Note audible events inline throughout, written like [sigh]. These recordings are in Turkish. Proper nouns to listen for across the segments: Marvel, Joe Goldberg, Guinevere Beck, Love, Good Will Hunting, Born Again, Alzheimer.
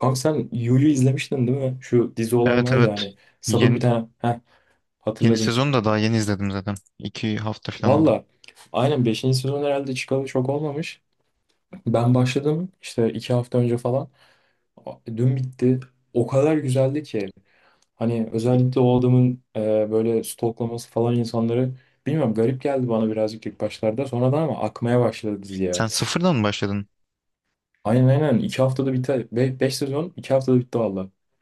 Kanka sen Yu'yu izlemiştin değil mi? Şu dizi olan Evet var evet. ya hani sapık bir Yeni, tane. Heh, yeni hatırladın. sezonu da daha yeni izledim zaten. 2 hafta falan oldu. Valla aynen beşinci sezon herhalde çıkalı çok olmamış. Ben başladım işte 2 hafta önce falan. Dün bitti. O kadar güzeldi ki. Hani özellikle o adamın böyle stalklaması falan insanları, bilmiyorum, garip geldi bana birazcık ilk başlarda. Sonradan ama akmaya başladı Sen dizi. sıfırdan mı başladın? Aynen aynen, 2 haftada bitti. 5 sezon 2 haftada bitti.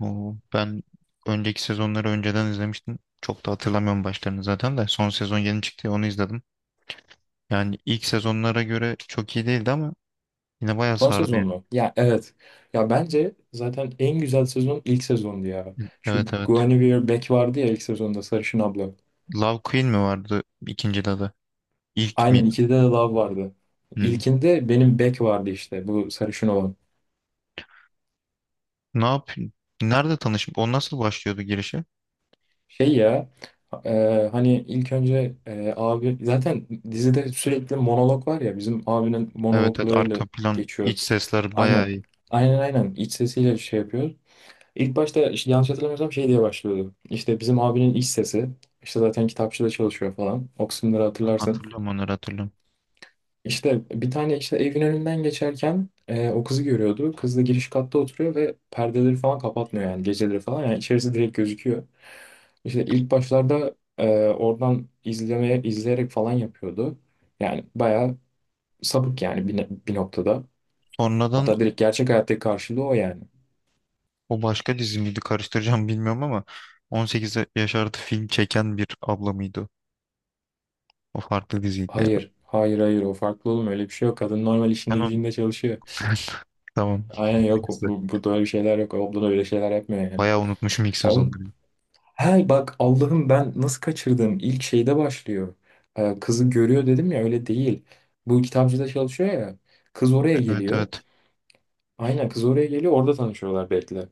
Oo, ben önceki sezonları önceden izlemiştim. Çok da hatırlamıyorum başlarını zaten de. Son sezon yeni çıktı ya, onu izledim. Yani ilk sezonlara göre çok iyi değildi ama yine bayağı Son sezon sardıydı. mu? Ya evet. Ya bence zaten en güzel sezon ilk sezondu ya. Şu Evet evet. Guinevere Beck vardı ya ilk sezonda, sarışın abla. Love Queen mi vardı ikinci adı? İlk Aynen, miydi? ikide de Love vardı. Hmm. İlkinde benim Beck vardı, işte bu sarışın olan. Ne yap? Nerede tanışıp o nasıl başlıyordu girişi? Şey ya, hani ilk önce abi zaten dizide sürekli monolog var ya, bizim abinin Evet evet, monologlarıyla arka plan iç geçiyor. sesler bayağı Aynen. iyi. Aynen aynen, iç sesiyle şey yapıyor. İlk başta işte, yanlış hatırlamıyorsam, şey diye başlıyordu. İşte bizim abinin iş sesi. İşte zaten kitapçıda çalışıyor falan. O kısımları Ha, hatırlarsın. hatırlıyorum, onları hatırlıyorum. İşte bir tane, işte evin önünden geçerken o kızı görüyordu. Kız da giriş katta oturuyor ve perdeleri falan kapatmıyor yani geceleri falan. Yani içerisi direkt gözüküyor. İşte ilk başlarda oradan izleyerek falan yapıyordu. Yani bayağı sapık yani bir noktada. Sonradan, Hatta direkt gerçek hayattaki karşılığı o yani. o başka dizi miydi karıştıracağım bilmiyorum ama 18 yaş artı film çeken bir abla mıydı? O? O farklı diziydi herhalde. Hayır, hayır, hayır, o farklı oğlum, öyle bir şey yok. Kadın normal Ben işinde onu, gücünde çalışıyor. tamam. Aynen, yok İkisi. Burada öyle şeyler yok. Ablan öyle şeyler yapmıyor yani. Bayağı unutmuşum ilk On, sezonları. he bak, Allah'ım, ben nasıl kaçırdım? İlk şeyde başlıyor. Kızı görüyor dedim ya, öyle değil. Bu kitapçıda çalışıyor ya. Kız oraya Evet geliyor. evet. Aynen, kız oraya geliyor, orada tanışıyorlar belki de.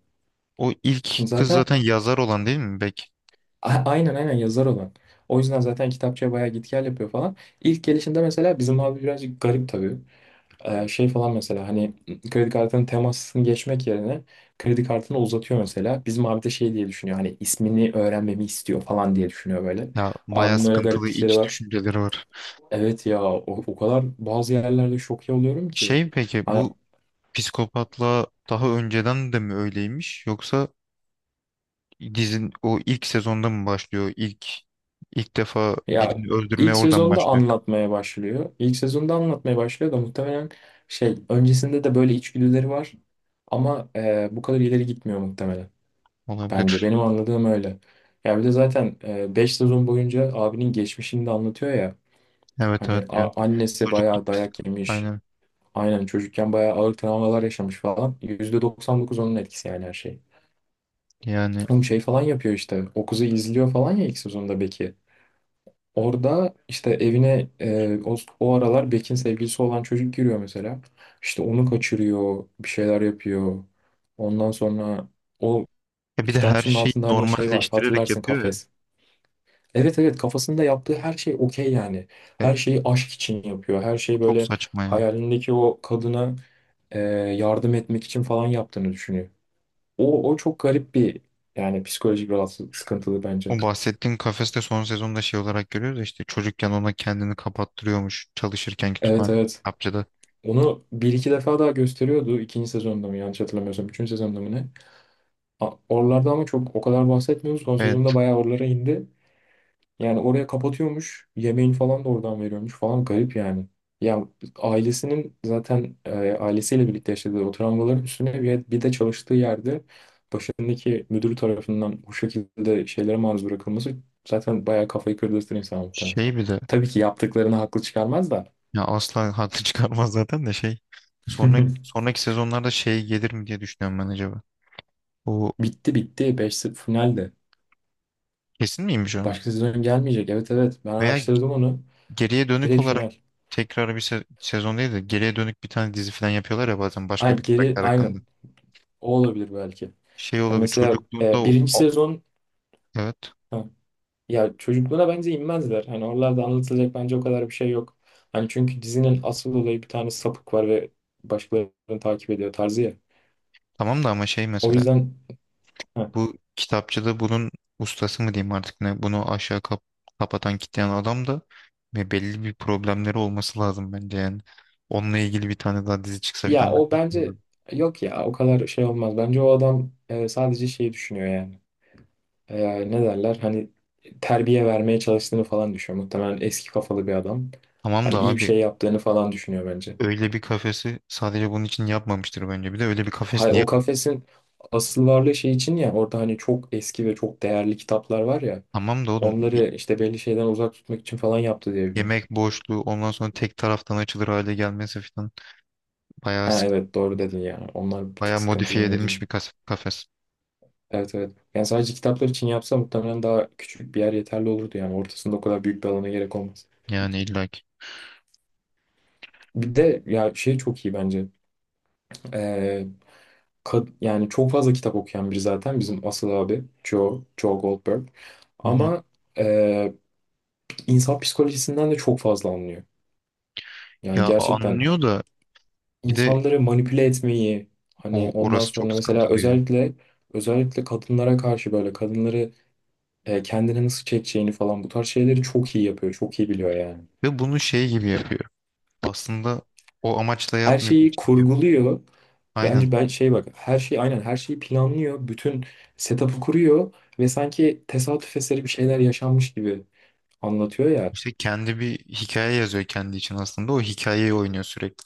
O ilk kız Zaten zaten yazar olan, değil mi, Bek? Aynen aynen, yazar olan. O yüzden zaten kitapçıya bayağı git gel yapıyor falan. İlk gelişinde mesela bizim abi birazcık garip tabii. Şey falan mesela, hani kredi kartının temasını geçmek yerine kredi kartını uzatıyor mesela. Bizim abi de şey diye düşünüyor, hani ismini öğrenmemi istiyor falan diye düşünüyor böyle. Ya, bayağı Abinin öyle sıkıntılı gariplikleri iç var. düşünceleri var. Evet ya, o kadar bazı yerlerde şok oluyorum ki. Şey, peki Hani bu psikopatla daha önceden de mi öyleymiş yoksa dizin o ilk sezonda mı başlıyor? ilk defa ya birini öldürmeye ilk oradan sezonda başlıyor. anlatmaya başlıyor. İlk sezonda anlatmaya başlıyor da muhtemelen şey, öncesinde de böyle içgüdüleri var. Ama bu kadar ileri gitmiyor muhtemelen. Bence Olabilir. benim anladığım öyle. Ya bir de zaten 5 sezon boyunca abinin geçmişini de anlatıyor ya. Evet Hani evet, annesi bayağı çocukluk psik dayak yemiş. aynen. Aynen, çocukken bayağı ağır travmalar yaşamış falan. %99 onun etkisi yani, her şey. Yani, Oğlum şey falan yapıyor işte. O kızı izliyor falan ya ilk sezonda, Beck'i. Orada işte evine o aralar Beck'in sevgilisi olan çocuk giriyor mesela. İşte onu kaçırıyor, bir şeyler yapıyor. Ondan sonra o bir de her kitapçının şeyi altında hani şey var, normalleştirerek hatırlarsın, yapıyor ya. kafes. Evet evet, kafasında yaptığı her şey okey yani. E, Her şeyi aşk için yapıyor. Her Bu şeyi çok böyle saçma ya. hayalindeki o kadına yardım etmek için falan yaptığını düşünüyor. O çok garip bir, yani psikolojik rahatsız, sıkıntılı bence. O bahsettiğin kafeste son sezonda şey olarak görüyoruz ya, işte çocukken ona kendini kapattırıyormuş çalışırken Evet evet. kitapçıda. Onu bir iki defa daha gösteriyordu. İkinci sezonda mı, yanlış hatırlamıyorsam. Üçüncü sezonda mı ne? Oralarda ama çok o kadar bahsetmiyoruz. Son sezonda Evet, bayağı oralara indi. Yani oraya kapatıyormuş. Yemeğini falan da oradan veriyormuş falan. Garip yani. Ya ailesinin zaten ailesiyle birlikte yaşadığı o travmaların üstüne, bir de çalıştığı yerde başındaki müdür tarafından bu şekilde şeylere maruz bırakılması zaten bayağı kafayı kırdırtır insan muhtemelen. şey, bir de Tabii ki yaptıklarını haklı çıkarmaz da. ya, asla haklı [laughs] çıkarmaz zaten, de şey, sonra [laughs] sonraki sezonlarda şey gelir mi diye düşünüyorum ben acaba. Bu Bitti bitti. Beş 0 finalde. kesin miymiş o? Başka sezon gelmeyecek. Evet evet. Ben Veya araştırdım onu. geriye dönük Direkt olarak final. tekrar bir sezon değil de, geriye dönük bir tane dizi falan yapıyorlar ya bazen, başka bir Ay, geri karakter aynen. hakkında. O olabilir belki. Şey Hani olabilir mesela çocukluğunda, birinci sezon. evet, Ya çocuklara bence inmezler. Hani oralarda anlatılacak bence o kadar bir şey yok. Hani çünkü dizinin asıl olayı, bir tane sapık var ve başkalarını takip ediyor tarzı ya. tamam da ama şey, O mesela yüzden. Heh. bu kitapçıda bunun ustası mı diyeyim artık, ne bunu aşağı kapatan, kitleyen adam da, ve belli bir problemleri olması lazım bence yani. Onunla ilgili bir tane daha dizi çıksa Ya falan, ben o çok iyi bence olur. yok ya, o kadar şey olmaz. Bence o adam sadece şeyi düşünüyor yani. Ne derler hani, terbiye vermeye çalıştığını falan düşünüyor. Muhtemelen eski kafalı bir adam. Tamam Hani da iyi bir abi, şey yaptığını falan düşünüyor bence. öyle bir kafesi sadece bunun için yapmamıştır bence. Bir de öyle bir kafes Hay, niye? o kafesin asıl varlığı şey için ya, orada hani çok eski ve çok değerli kitaplar var ya, Tamam da oğlum, onları işte belli şeyden uzak tutmak için falan yaptı diye biliyorum. yemek boşluğu, ondan sonra tek taraftan açılır hale gelmesi falan, bayağı Ha sık, evet, doğru dedin ya. Onlar bir tık bayağı sıkıntılı modifiye mevzular. edilmiş bir kafes, Evet evet. Yani sadece kitaplar için yapsa muhtemelen daha küçük bir yer yeterli olurdu yani. Ortasında o kadar büyük bir alana gerek olmaz. yani illaki. Bir de ya şey çok iyi bence. Ee, yani çok fazla kitap okuyan biri zaten bizim asıl abi Joe, Joe Goldberg. Hı hı. Ama ee, insan psikolojisinden de çok fazla anlıyor. Yani Ya, gerçekten anlıyor da, bir de insanları manipüle etmeyi, hani orası, ondan evet, çok sonra mesela sıkıntılı ya. özellikle, özellikle kadınlara karşı, böyle kadınları kendine nasıl çekeceğini falan, bu tarz şeyleri çok iyi yapıyor. Çok iyi biliyor yani. Ve bunu şey gibi yapıyor. Aslında o amaçla Her yapmıyormuş şeyi gibi yapıyor. kurguluyor. Aynen. Bence ben şey, bak, her şeyi, aynen, her şeyi planlıyor. Bütün setup'ı kuruyor ve sanki tesadüf eseri bir şeyler yaşanmış gibi anlatıyor ya. İşte kendi bir hikaye yazıyor kendi için aslında. O hikayeyi oynuyor sürekli.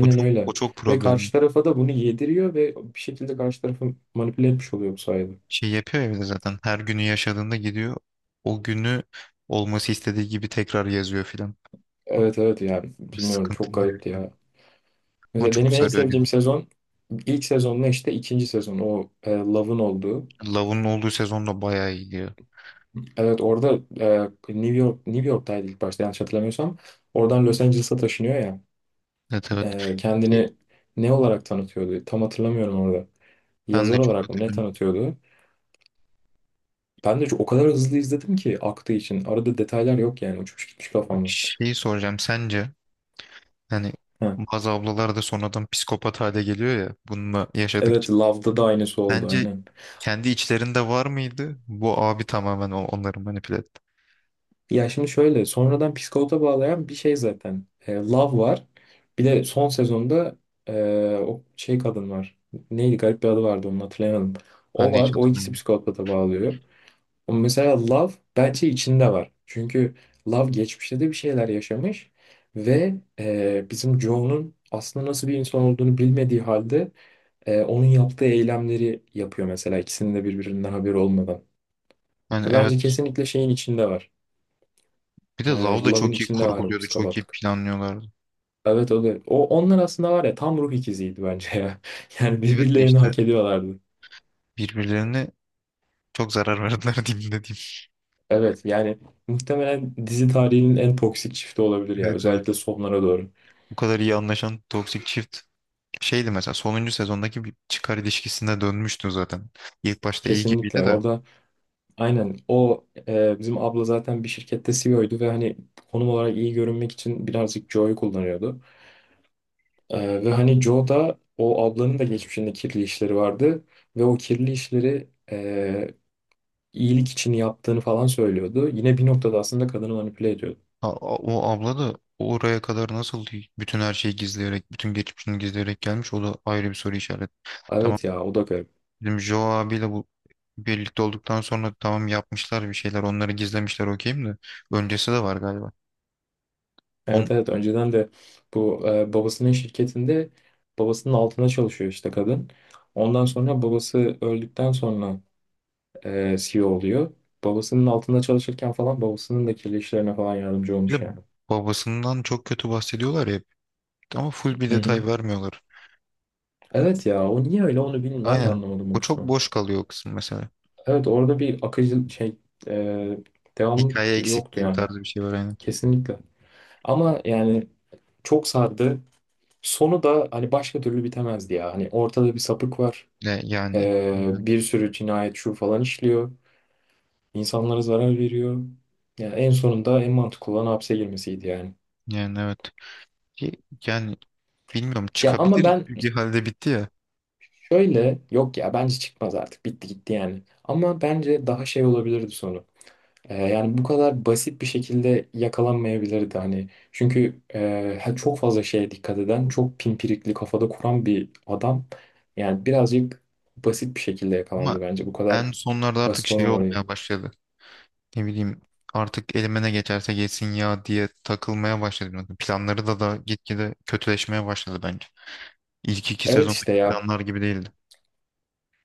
O çok öyle. o çok Ve karşı problemli. tarafa da bunu yediriyor ve bir şekilde karşı tarafı manipüle etmiş oluyor bu sayede. Şey yapıyor ya bir de zaten, her günü yaşadığında gidiyor. O günü olması istediği gibi tekrar yazıyor filan. Evet evet ya, bilmiyorum, çok Sıkıntılı garipti herif. ya. Ama Mesela çok benim en sarıyor dedi. sevdiğim sezon ilk sezonla işte ikinci sezon, o Love'ın olduğu. Love'un olduğu sezon da bayağı iyi diyor. Evet, orada New York'taydı ilk başta, yanlış hatırlamıyorsam. Oradan Los Angeles'a taşınıyor ya. Evet evet. E, Şey, kendini ne olarak tanıtıyordu? Tam hatırlamıyorum orada. ben de Yazar çok olarak mı ne hatırlamıyorum. tanıtıyordu? Ben de o kadar hızlı izledim ki aktığı için. Arada detaylar yok yani, uçmuş gitmiş Bak, kafamda. şeyi soracağım. Sence, yani Ha. bazı ablalar da sonradan psikopat hale geliyor ya bununla Evet, yaşadıkça. Love'da da aynısı oldu Bence aynen. kendi içlerinde var mıydı? Bu abi tamamen onları manipüle etti. Ya şimdi şöyle, sonradan psikopata bağlayan bir şey zaten. Love var. Bir de son sezonda e, o şey kadın var. Neydi, garip bir adı vardı, onu hatırlayamadım. Ben O de var. hiç O ikisi hatırlamıyorum. psikopata bağlıyor. Ama mesela Love bence içinde var. Çünkü Love geçmişte de bir şeyler yaşamış. Ve bizim Joe'nun aslında nasıl bir insan olduğunu bilmediği halde onun yaptığı eylemleri yapıyor mesela, ikisinin de birbirinden haberi olmadan. Yani Bence evet, kesinlikle şeyin içinde var. bir de Lau da Love'ın çok iyi içinde var o kurguluyordu. Çok iyi psikopatlık. planlıyorlardı. Evet, o da. Onlar aslında var ya, tam ruh ikiziydi bence ya. [laughs] Yani Evet de birbirlerini işte, hak ediyorlardı. birbirlerine çok zarar verdiler [laughs] diyeyim, ne diyeyim. Evet yani muhtemelen dizi tarihinin en toksik çifti olabilir ya. Evet evet. Özellikle sonlara doğru. Bu kadar iyi anlaşan toksik çift, şeydi mesela, sonuncu sezondaki bir çıkar ilişkisine dönmüştü zaten. İlk başta iyi Kesinlikle gibiydi de, orada aynen, o bizim abla zaten bir şirkette CEO'ydu ve hani konum olarak iyi görünmek için birazcık Joe'yu kullanıyordu. Ve hani Joe da, o ablanın da geçmişinde kirli işleri vardı. Ve o kirli işleri iyilik için yaptığını falan söylüyordu. Yine bir noktada aslında kadını manipüle ediyordu. O abla da oraya kadar nasıl bütün her şeyi gizleyerek, bütün geçmişini gizleyerek gelmiş, o da ayrı bir soru işareti. Tamam, Evet ya, o da garip. bizim Joe abiyle bu birlikte olduktan sonra, tamam, yapmışlar bir şeyler, onları gizlemişler, okeyim de, öncesi de var galiba. On, Evet evet, önceden de bu babasının şirketinde babasının altına çalışıyor işte kadın. Ondan sonra babası öldükten sonra CEO oluyor. Babasının altında çalışırken falan babasının da kirli işlerine falan yardımcı Bir olmuş de yani. babasından çok kötü bahsediyorlar ya, ama full bir Hı hı. detay vermiyorlar. Evet ya, o niye öyle onu bilmiyorum. Ben de Aynen, anlamadım o o çok kısmı. boş kalıyor, o kısım mesela. Evet, orada bir akıcı şey e, devamlı Hikaye yoktu eksikliği yani. tarzı bir şey var aynen. Kesinlikle. Ama yani çok sardı. Sonu da hani başka türlü bitemezdi ya. Hani ortada bir sapık var. Ne, yani, Ee, illaki. bir sürü cinayet şu falan işliyor. İnsanlara zarar veriyor. Yani en sonunda en mantıklı olan hapse girmesiydi yani. Yani evet. Yani bilmiyorum, Ya ama çıkabilir ben gibi bir halde bitti ya. şöyle, yok ya, bence çıkmaz, artık bitti gitti yani. Ama bence daha şey olabilirdi sonu. Yani bu kadar basit bir şekilde yakalanmayabilirdi hani. Çünkü çok fazla şeye dikkat eden, çok pimpirikli kafada kuran bir adam. Yani birazcık basit bir şekilde Ama yakalandı bence. Bu kadar en sonlarda artık basit şey olmamalıydı. olmaya başladı. Ne bileyim, artık elime ne geçerse geçsin ya diye takılmaya başladım. Planları da gitgide kötüleşmeye başladı bence. İlk iki Evet sezondaki işte ya. planlar gibi değildi.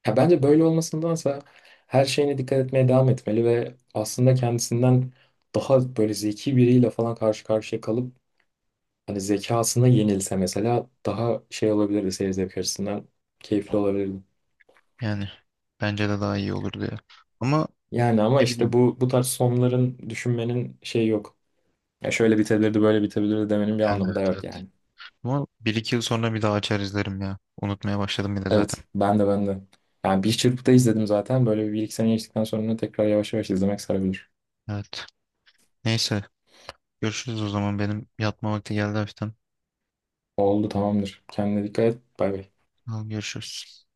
Ya bence böyle olmasındansa her şeyine dikkat etmeye devam etmeli ve aslında kendisinden daha böyle zeki biriyle falan karşı karşıya kalıp, hani zekasına yenilse mesela, daha şey olabilirdi seyir zevk açısından, keyifli olabilirdi. Yani bence de daha iyi olurdu ya. Ama Yani ama ne işte bileyim, bu tarz sonların düşünmenin şey yok. Ya şöyle bitebilirdi, böyle bitebilirdi demenin bir yani, anlamı evet da yok evet. yani. Ama bir iki yıl sonra bir daha açar izlerim ya. Unutmaya başladım bile zaten. Evet, ben de ben de. Yani bir çırpıda izledim zaten. Böyle bir, 2 sene geçtikten sonra tekrar yavaş yavaş izlemek sarabilir. Evet. Neyse, görüşürüz o zaman. Benim yatma vakti geldi hafiften. Oldu, tamamdır. Kendine dikkat et. Bay bay. Tamam, görüşürüz.